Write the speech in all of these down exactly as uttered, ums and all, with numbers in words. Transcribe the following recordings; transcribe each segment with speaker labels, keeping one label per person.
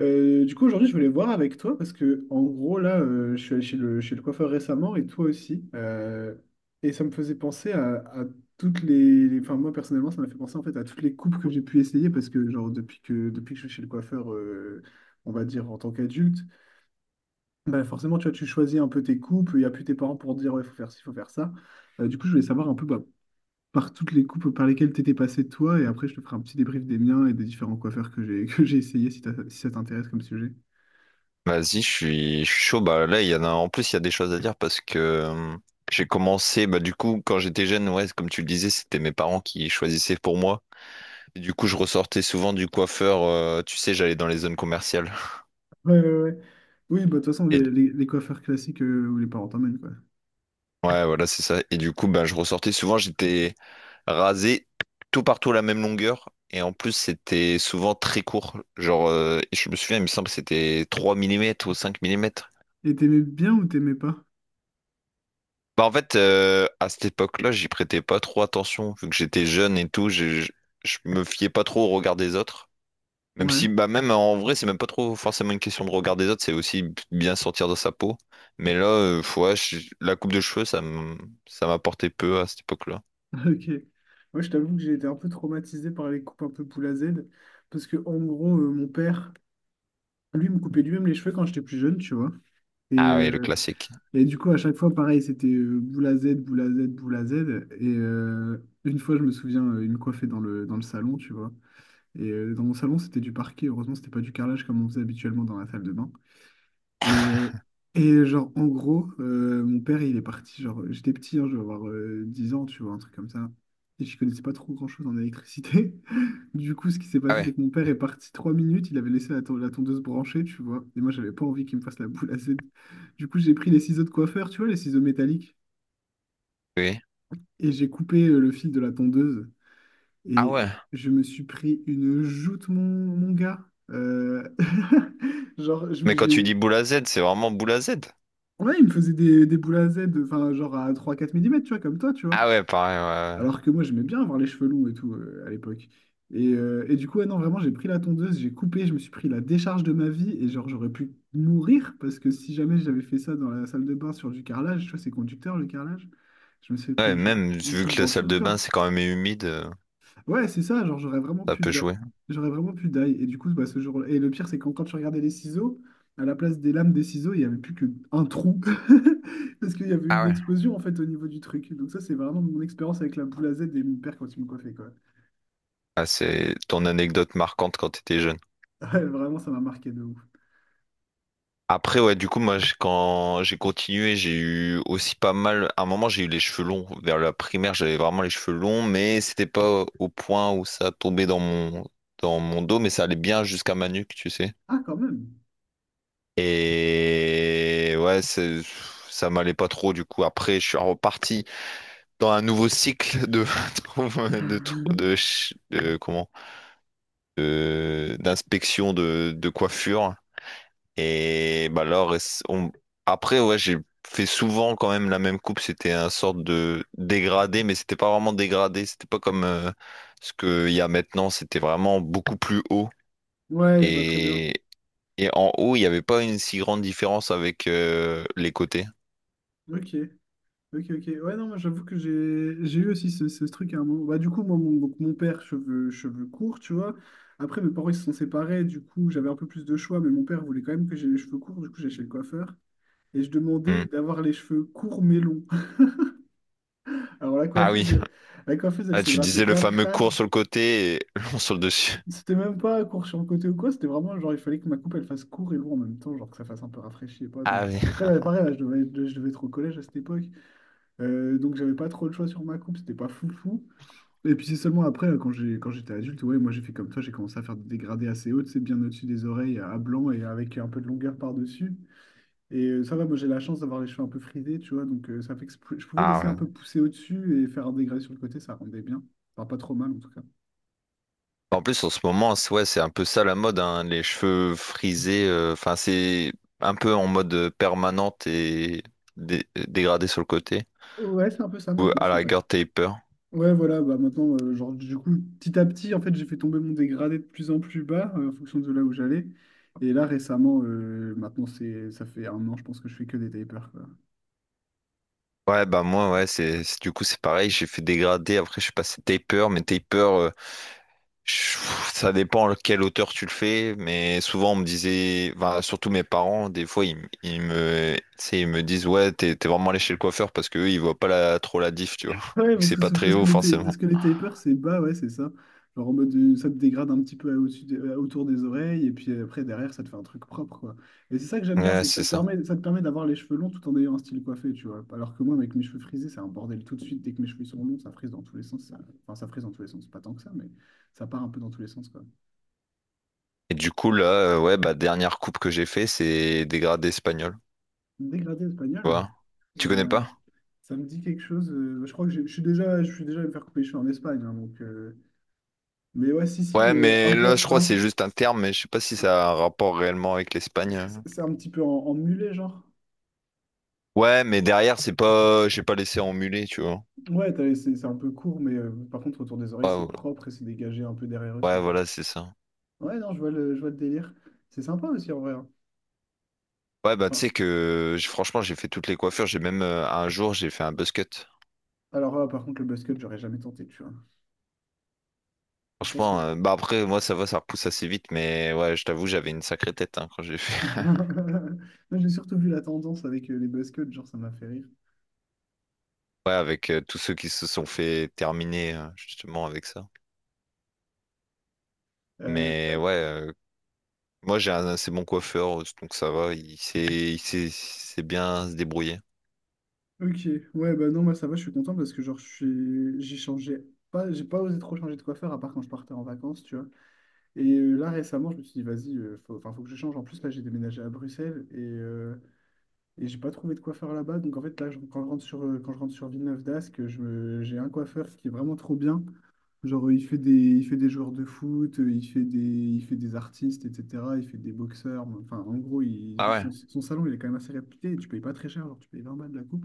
Speaker 1: Euh, du coup, aujourd'hui, je voulais voir avec toi parce que, en gros, là, euh, je suis allé chez le, chez le coiffeur récemment et toi aussi. Euh, et ça me faisait penser à, à toutes les, les- Enfin, moi, personnellement, ça m'a fait penser en fait à toutes les coupes que j'ai pu essayer parce que, genre, depuis que, depuis que je suis chez le coiffeur, euh, on va dire en tant qu'adulte, bah, forcément, tu vois, tu choisis un peu tes coupes, il n'y a plus tes parents pour te dire, ouais, faut faire ci, faut faire ça. Euh, du coup, je voulais savoir un peu, bah, par toutes les coupes par lesquelles tu étais passé toi et après, je te ferai un petit débrief des miens et des différents coiffeurs que j'ai que j'ai essayé, si t'as- si ça t'intéresse comme sujet.
Speaker 2: Vas-y, je suis je suis chaud. Bah là, il y en a. En plus, il y a des choses à dire parce que euh, j'ai commencé. Bah du coup, quand j'étais jeune, ouais, comme tu le disais, c'était mes parents qui choisissaient pour moi. Et du coup, je ressortais souvent du coiffeur. Euh, tu sais, j'allais dans les zones commerciales.
Speaker 1: Ouais, ouais, ouais. Oui, bah, de toute façon,
Speaker 2: Et
Speaker 1: les, les, les coiffeurs classiques, euh, où les parents t'emmènent, quoi.
Speaker 2: ouais, voilà, c'est ça. Et du coup, bah, je ressortais souvent. J'étais rasé tout partout à la même longueur. Et en plus, c'était souvent très court. Genre, euh, je me souviens, il me semble que c'était trois millimètres ou cinq millimètres.
Speaker 1: Et t'aimais bien ou t'aimais pas?
Speaker 2: Bah en fait, euh, à cette époque-là, j'y prêtais pas trop attention, vu que j'étais jeune et tout, je, je, je me fiais pas trop au regard des autres. Même
Speaker 1: Ouais,
Speaker 2: si, bah même en vrai, c'est même pas trop forcément une question de regard des autres, c'est aussi bien sortir de sa peau. Mais là, euh, ouais, je- la coupe de cheveux, ça m- ça m'apportait peu à cette époque-là.
Speaker 1: ok. Moi, je t'avoue que j'ai été un peu traumatisé par les coupes un peu poule à Z. Parce que, en gros, euh, mon père, lui, me coupait lui-même les cheveux quand j'étais plus jeune, tu vois. Et,
Speaker 2: Ah ouais, le
Speaker 1: euh,
Speaker 2: classique.
Speaker 1: et du coup, à chaque fois, pareil, c'était euh, boule à Z, boule à Z, boule à Z. Et euh, une fois, je me souviens, euh, il me coiffait dans le, dans le salon, tu vois. Et euh, dans mon salon, c'était du parquet. Heureusement, c'était pas du carrelage comme on faisait habituellement dans la salle de bain. Et, euh, et genre, en gros, euh, mon père, il est parti, genre, euh, j'étais petit, hein, je devais avoir euh, 10 ans, tu vois, un truc comme ça. Et je connaissais pas trop grand-chose en électricité. Du coup, ce qui s'est
Speaker 2: Ah
Speaker 1: passé, c'est
Speaker 2: ouais.
Speaker 1: que mon père est parti trois minutes, il avait laissé la, ton- la tondeuse branchée, tu vois. Et moi, j'avais pas envie qu'il me fasse la boule à Z. Du coup, j'ai pris les ciseaux de coiffeur, tu vois, les ciseaux métalliques,
Speaker 2: Oui.
Speaker 1: et j'ai coupé euh, le fil de la tondeuse.
Speaker 2: Ah
Speaker 1: Et
Speaker 2: ouais.
Speaker 1: je me suis pris une joute, mon, mon gars. Euh, Genre, je me-
Speaker 2: Mais quand
Speaker 1: j'ai
Speaker 2: tu dis
Speaker 1: eu.
Speaker 2: boule à Z, c'est vraiment boule à Z.
Speaker 1: Ouais, il me faisait des, des boules à Z, enfin, genre à trois quatre millimètres, tu vois, comme toi, tu vois.
Speaker 2: Ah ouais, pareil, ouais.
Speaker 1: Alors que moi, j'aimais bien avoir les cheveux longs et tout euh, à l'époque. Et, euh, et du coup, ouais, non, vraiment, j'ai pris la tondeuse, j'ai coupé, je me suis pris la décharge de ma vie et genre, j'aurais pu mourir parce que si jamais j'avais fait ça dans la salle de bain sur du carrelage, tu vois, c'est conducteur le carrelage, je me suis
Speaker 2: Ouais,
Speaker 1: pris
Speaker 2: ouais,
Speaker 1: une chute,
Speaker 2: même
Speaker 1: une
Speaker 2: vu
Speaker 1: chute
Speaker 2: que la
Speaker 1: dans tout
Speaker 2: salle
Speaker 1: le
Speaker 2: de bain,
Speaker 1: corps.
Speaker 2: c'est quand même humide, euh,
Speaker 1: Ouais, c'est ça, genre j'aurais vraiment
Speaker 2: ça
Speaker 1: pu
Speaker 2: peut
Speaker 1: da-
Speaker 2: jouer.
Speaker 1: j'aurais vraiment pu die. Et du coup, bah, ce jour. Et le pire, c'est quand, quand tu regardais les ciseaux, à la place des lames des ciseaux, il n'y avait plus qu'un trou. Parce qu'il y avait
Speaker 2: Ah
Speaker 1: une
Speaker 2: ouais.
Speaker 1: explosion en fait au niveau du truc. Donc ça, c'est vraiment mon expérience avec la boule à Z et mon père quand il me coiffait, quoi.
Speaker 2: Ah, c'est ton anecdote marquante quand t'étais jeune.
Speaker 1: Ouais, vraiment, ça m'a marqué de ouf.
Speaker 2: Après, ouais, du coup, moi, j'ai- quand j'ai continué, j'ai eu aussi pas mal. À un moment, j'ai eu les cheveux longs. Vers la primaire, j'avais vraiment les cheveux longs, mais c'était pas au point où ça tombait dans mon, dans mon dos, mais ça allait bien jusqu'à ma nuque, tu sais.
Speaker 1: Ah, quand même.
Speaker 2: Et ouais, c'est- ça m'allait pas trop, du coup. Après, je suis reparti dans un nouveau cycle de, de, de, de, de- comment? De- d'inspection de, de coiffure. Et bah alors, on- après, ouais, j'ai fait souvent quand même la même coupe. C'était un sorte de dégradé, mais c'était pas vraiment dégradé. C'était pas comme euh, ce qu'il y a maintenant. C'était vraiment beaucoup plus haut.
Speaker 1: Ouais, je vois très bien.
Speaker 2: Et, et en haut, il n'y avait pas une si grande différence avec euh, les côtés.
Speaker 1: Ok. Ok, ok. Ouais, non, moi j'avoue que j'ai j'ai eu aussi ce, ce truc à un moment. Bah, du coup, moi, mon, donc, mon père, cheveux, cheveux courts, tu vois. Après, mes parents, ils se sont séparés. Du coup, j'avais un peu plus de choix, mais mon père voulait quand même que j'ai les cheveux courts. Du coup, j'ai chez le coiffeur. Et je
Speaker 2: Hmm.
Speaker 1: demandais d'avoir les cheveux courts mais longs. Alors, la
Speaker 2: Ah oui.
Speaker 1: coiffeuse, la coiffeuse, elle
Speaker 2: Ah,
Speaker 1: se
Speaker 2: tu
Speaker 1: grattait
Speaker 2: disais le
Speaker 1: bien le
Speaker 2: fameux
Speaker 1: crâne.
Speaker 2: court sur le côté et long sur le dessus.
Speaker 1: C'était même pas court sur le côté ou quoi. C'était vraiment genre, il fallait que ma coupe, elle fasse court et long en même temps, genre que ça fasse un peu rafraîchi et pas. Donc,
Speaker 2: Ah oui.
Speaker 1: après, là, pareil, là, je devais, je devais être au collège à cette époque. Euh, donc, j'avais pas trop le choix sur ma coupe. C'était pas fou fou. Et puis c'est seulement après, euh, quand j'ai, quand j'étais adulte, ouais, moi j'ai fait comme toi, j'ai commencé à faire des dégradés assez hauts, c'est bien au-dessus des oreilles, à blanc et avec un peu de longueur par-dessus. Et euh, ça va, moi j'ai la chance d'avoir les cheveux un peu frisés, tu vois, donc euh, ça fait que je pou- je pouvais
Speaker 2: Ah
Speaker 1: laisser un peu
Speaker 2: ouais.
Speaker 1: pousser au-dessus et faire un dégradé sur le côté, ça rendait bien. Enfin, pas trop mal en tout cas.
Speaker 2: En plus, en ce moment, c'est- ouais, c'est un peu ça la mode, hein, les cheveux frisés. euh, Enfin, c'est un peu en mode euh, permanente et dé- dégradé sur le côté.
Speaker 1: Ouais, c'est un peu ça
Speaker 2: Ou
Speaker 1: maintenant,
Speaker 2: à la
Speaker 1: c'est vrai.
Speaker 2: rigueur, taper.
Speaker 1: Ouais, voilà, bah maintenant, euh, genre du coup, petit à petit, en fait, j'ai fait tomber mon dégradé de plus en plus bas, euh, en fonction de là où j'allais. Et là, récemment, euh, maintenant, c'est, ça fait un an, je pense que je fais que des tapers, quoi.
Speaker 2: Ouais, bah moi, ouais, c'est c'est- du coup, c'est pareil. J'ai fait dégrader. Après, je suis passé taper, mais taper. euh, Je- ça dépend à quelle hauteur tu le fais, mais souvent on me disait, enfin, surtout mes parents, des fois ils, m- ils me, tu sais, ils me disent ouais, t'es t'es vraiment allé chez le coiffeur parce que ils voient pas la, trop la diff, tu vois,
Speaker 1: Ouais,
Speaker 2: et que
Speaker 1: parce
Speaker 2: c'est pas
Speaker 1: que,
Speaker 2: très
Speaker 1: parce que
Speaker 2: haut
Speaker 1: les, ta-
Speaker 2: forcément.
Speaker 1: parce que les tapers, c'est bas, ouais, c'est ça. Genre en mode, euh, ça te dégrade un petit peu au-dessus des- euh, autour des oreilles, et puis après, derrière, ça te fait un truc propre, quoi. Et c'est ça que j'aime bien,
Speaker 2: Ouais,
Speaker 1: c'est que ça
Speaker 2: c'est
Speaker 1: te
Speaker 2: ça.
Speaker 1: permet, ça te permet d'avoir les cheveux longs tout en ayant un style coiffé, tu vois. Alors que moi, avec mes cheveux frisés, c'est un bordel tout de suite. Dès que mes cheveux sont longs, ça frise dans tous les sens. ça- Enfin, ça frise dans tous les sens, pas tant que ça, mais ça part un peu dans tous les sens, quoi.
Speaker 2: Et du coup là, euh, ouais, bah dernière coupe que j'ai fait, c'est dégradé espagnol,
Speaker 1: Dégradé
Speaker 2: tu
Speaker 1: espagnol,
Speaker 2: vois. Tu connais
Speaker 1: euh,
Speaker 2: pas?
Speaker 1: ça me dit quelque chose. Euh, je crois que j'ai- je suis déjà, je suis déjà allé me faire couper les cheveux en Espagne, hein, donc... euh, Mais ouais, si, si,
Speaker 2: Ouais,
Speaker 1: euh, un
Speaker 2: mais là
Speaker 1: peu...
Speaker 2: je crois que
Speaker 1: Un...
Speaker 2: c'est juste un terme, mais je sais pas si ça a un rapport réellement avec l'Espagne.
Speaker 1: C'est c'est un petit peu en, en mulet, genre.
Speaker 2: Ouais, mais derrière c'est pas, j'ai pas laissé en mulet, tu vois.
Speaker 1: Ouais, t'as- c'est c'est un peu court, mais euh, par contre, autour des oreilles, c'est
Speaker 2: Ouais,
Speaker 1: propre et c'est dégagé un peu derrière aussi,
Speaker 2: ouais,
Speaker 1: quoi.
Speaker 2: voilà, c'est ça.
Speaker 1: Ouais, non, je vois le, je vois le délire. C'est sympa aussi, en vrai, hein.
Speaker 2: Ouais, bah, tu
Speaker 1: Enfin,
Speaker 2: sais que j- franchement, j'ai fait toutes les coiffures. J'ai même euh, un jour, j'ai fait un buzz cut.
Speaker 1: alors là, par contre, le buzzcut, j'aurais jamais tenté, tu vois. Je pense que...
Speaker 2: Franchement, euh, bah après, moi, ça va, ça repousse assez vite. Mais ouais, je t'avoue, j'avais une sacrée tête hein, quand j'ai fait.
Speaker 1: Moi, j'ai surtout vu la tendance avec euh, les buzzcuts, genre, ça m'a fait rire.
Speaker 2: Ouais, avec euh, tous ceux qui se sont fait terminer euh, justement avec ça.
Speaker 1: Euh,
Speaker 2: Mais ouais, euh, moi, j'ai un assez bon coiffeur, donc ça va. Il sait, il sait, il sait bien se débrouiller.
Speaker 1: ok, ouais, bah non, moi, ça va, je suis content parce que, genre, je suis... j'ai changé... Pas, j'ai pas osé trop changer de coiffeur, à part quand je partais en vacances, tu vois. Et euh, là, récemment, je me suis dit, vas-y, euh, faut, enfin, faut que je change. En plus, là, j'ai déménagé à Bruxelles et, euh, et j'ai pas trouvé de coiffeur là-bas. Donc, en fait, là, je- quand je rentre sur, euh, quand je rentre sur Villeneuve-d'Ascq, je me- j'ai un coiffeur qui est vraiment trop bien. Genre, euh, il fait des, il fait des joueurs de foot, euh, il fait des, il fait des artistes, et cetera. Il fait des boxeurs. Enfin, en gros, il-
Speaker 2: Ah ouais?
Speaker 1: son, son salon, il est quand même assez réputé, et tu payes pas très cher, genre, tu payes 20 balles de la coupe.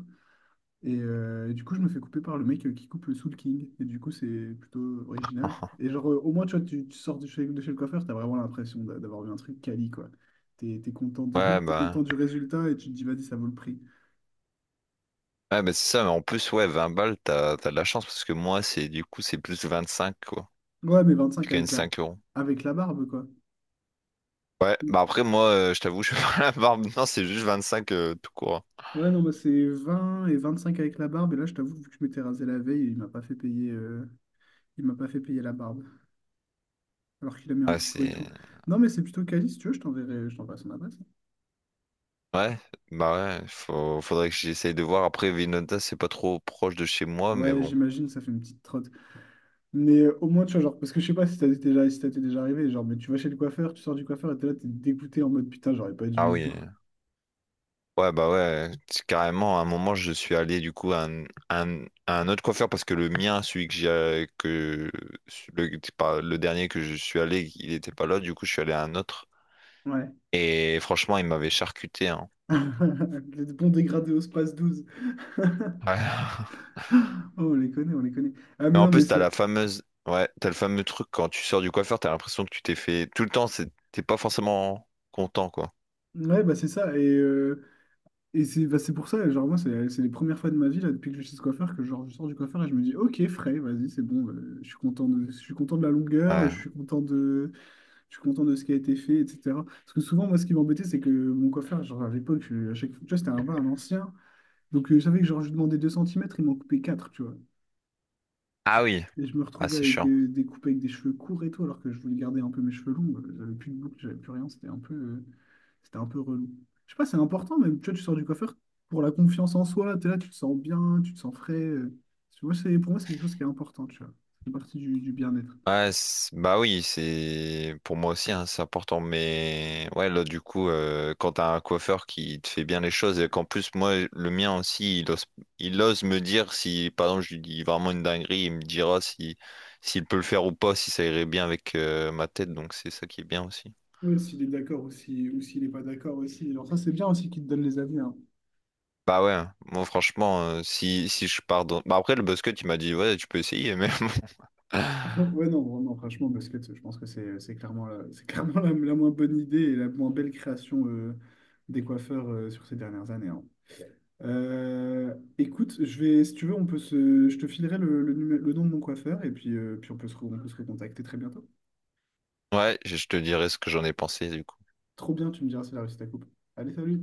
Speaker 1: Et, euh, et du coup, je me fais couper par le mec euh, qui coupe le Soul King. Et du coup, c'est plutôt original. Et genre, euh, au moins, tu vois, tu, tu sors de chez, de chez le coiffeur, t'as vraiment l'impression d'a- d'avoir vu un truc quali, quoi. T'es, t'es content de,
Speaker 2: Ouais,
Speaker 1: T'es
Speaker 2: bah.
Speaker 1: content du résultat et tu te dis, vas-y, ça vaut le prix.
Speaker 2: Ouais, bah, c'est ça, mais en plus, ouais, vingt balles, t'as, t'as de la chance parce que moi, c'est du coup, c'est plus vingt cinq quoi.
Speaker 1: Ouais, mais
Speaker 2: Je
Speaker 1: vingt-cinq
Speaker 2: gagne
Speaker 1: avec la,
Speaker 2: cinq euros.
Speaker 1: avec la barbe, quoi.
Speaker 2: Ouais, bah après, moi, euh, je t'avoue, je fais pas la barbe. Non, c'est juste vingt-cinq euh, tout court.
Speaker 1: Ouais, non, bah, c'est vingt et vingt-cinq avec la barbe. Et là, je t'avoue, vu que je m'étais rasé la veille, il m'a pas fait payer, euh, il m'a pas fait payer la barbe. Alors qu'il a mis un
Speaker 2: Ah,
Speaker 1: petit coup et
Speaker 2: c'est.
Speaker 1: tout. Non, mais c'est plutôt quali, si tu veux, je t'enverrai, je t'enverrai son adresse.
Speaker 2: Ouais, bah ouais, faut- faudrait que j'essaye de voir. Après, Vinota, c'est pas trop proche de chez moi, mais
Speaker 1: Ouais,
Speaker 2: bon.
Speaker 1: j'imagine, ça fait une petite trotte. Mais euh, au moins, tu vois, genre, parce que je sais pas si t'as déjà, si t'as t'es déjà arrivé, genre, mais tu vas chez le coiffeur, tu sors du coiffeur et t'es là, t'es dégoûté en mode putain, j'aurais pas
Speaker 2: Ah
Speaker 1: dû et
Speaker 2: oui.
Speaker 1: tout.
Speaker 2: Ouais, bah ouais, c'est carrément, à un moment, je suis allé du coup à un, un- à un autre coiffeur parce que le mien, celui que j'ai. euh, Que... Le... c'est pas- le dernier que je suis allé, il était pas là, du coup, je suis allé à un autre.
Speaker 1: Ouais.
Speaker 2: Et franchement, il m'avait charcuté, hein.
Speaker 1: Les bons dégradés au Space douze.
Speaker 2: Ouais.
Speaker 1: Oh, on les connaît, on les connaît. Ah,
Speaker 2: Et
Speaker 1: mais
Speaker 2: en
Speaker 1: non, mais
Speaker 2: plus, t'as
Speaker 1: ça...
Speaker 2: la fameuse, ouais, t'as le fameux truc quand tu sors du coiffeur, t'as l'impression que tu t'es fait tout le temps, c'est- t'es pas forcément content, quoi.
Speaker 1: ouais, bah c'est ça. Et euh, et c'est bah, c'est pour ça, genre, moi, c'est c'est les premières fois de ma vie, là, depuis que je suis chez coiffeur, que genre, je sors du coiffeur et je me dis, ok, frais, vas-y, c'est bon, euh, je suis content de... je suis content de la longueur,
Speaker 2: Ouais.
Speaker 1: je suis content de, je suis content de ce qui a été fait, et cetera. Parce que souvent, moi, ce qui m'embêtait, c'est que mon coiffeur, genre à l'époque, je- à chaque fois, tu vois, c'était un, un ancien. Donc, euh, je savais que genre, je lui demandais deux centimètres il m'en coupait quatre tu vois.
Speaker 2: Ah oui,
Speaker 1: Et je me
Speaker 2: ah
Speaker 1: retrouvais
Speaker 2: c'est
Speaker 1: avec
Speaker 2: chiant.
Speaker 1: euh, des coupes avec des cheveux courts et tout, alors que je voulais garder un peu mes cheveux longs. Euh, J'avais plus de boucle, j'avais plus rien. C'était un peu, euh, c'était un peu relou. Je sais pas, c'est important, même, tu vois, tu sors du coiffeur pour la confiance en soi. T'es là, tu te sens bien, tu te sens frais. euh. Moi, c'est, pour moi, c'est quelque chose qui est important, tu vois. C'est partie du, du bien-être.
Speaker 2: Ouais, c'est- bah oui, c'est pour moi aussi, hein, c'est important. Mais ouais, là du coup, euh, quand t'as un coiffeur qui te fait bien les choses et qu'en plus moi, le mien aussi, il ose, il ose me dire si, par exemple, je lui dis vraiment une dinguerie, il me dira si, s'il peut le faire ou pas, si ça irait bien avec euh, ma tête. Donc c'est ça qui est bien aussi.
Speaker 1: Ouais, s'il est d'accord ou si- ou s'il n'est pas d'accord aussi. Alors ça, c'est bien aussi qu'il te donne les avis, hein.
Speaker 2: Bah ouais, hein. Moi franchement, euh, si, si je pars dans... Bah après, le basket, il m'a dit, ouais, tu peux essayer, mais... bon.
Speaker 1: Ouais, non, vraiment, franchement, basket, je pense que c'est c'est clairement la, c'est clairement la, la moins bonne idée et la moins belle création euh, des coiffeurs euh, sur ces dernières années, hein. Euh, écoute, je vais, si tu veux, on peut se, je te filerai le, le, numé- le nom de mon coiffeur et puis, euh, puis on peut se, re- on peut se recontacter très bientôt.
Speaker 2: Ouais, je je te dirai ce que j'en ai pensé, du coup.
Speaker 1: Trop bien, tu me diras si la réussi à coupe. Allez, salut!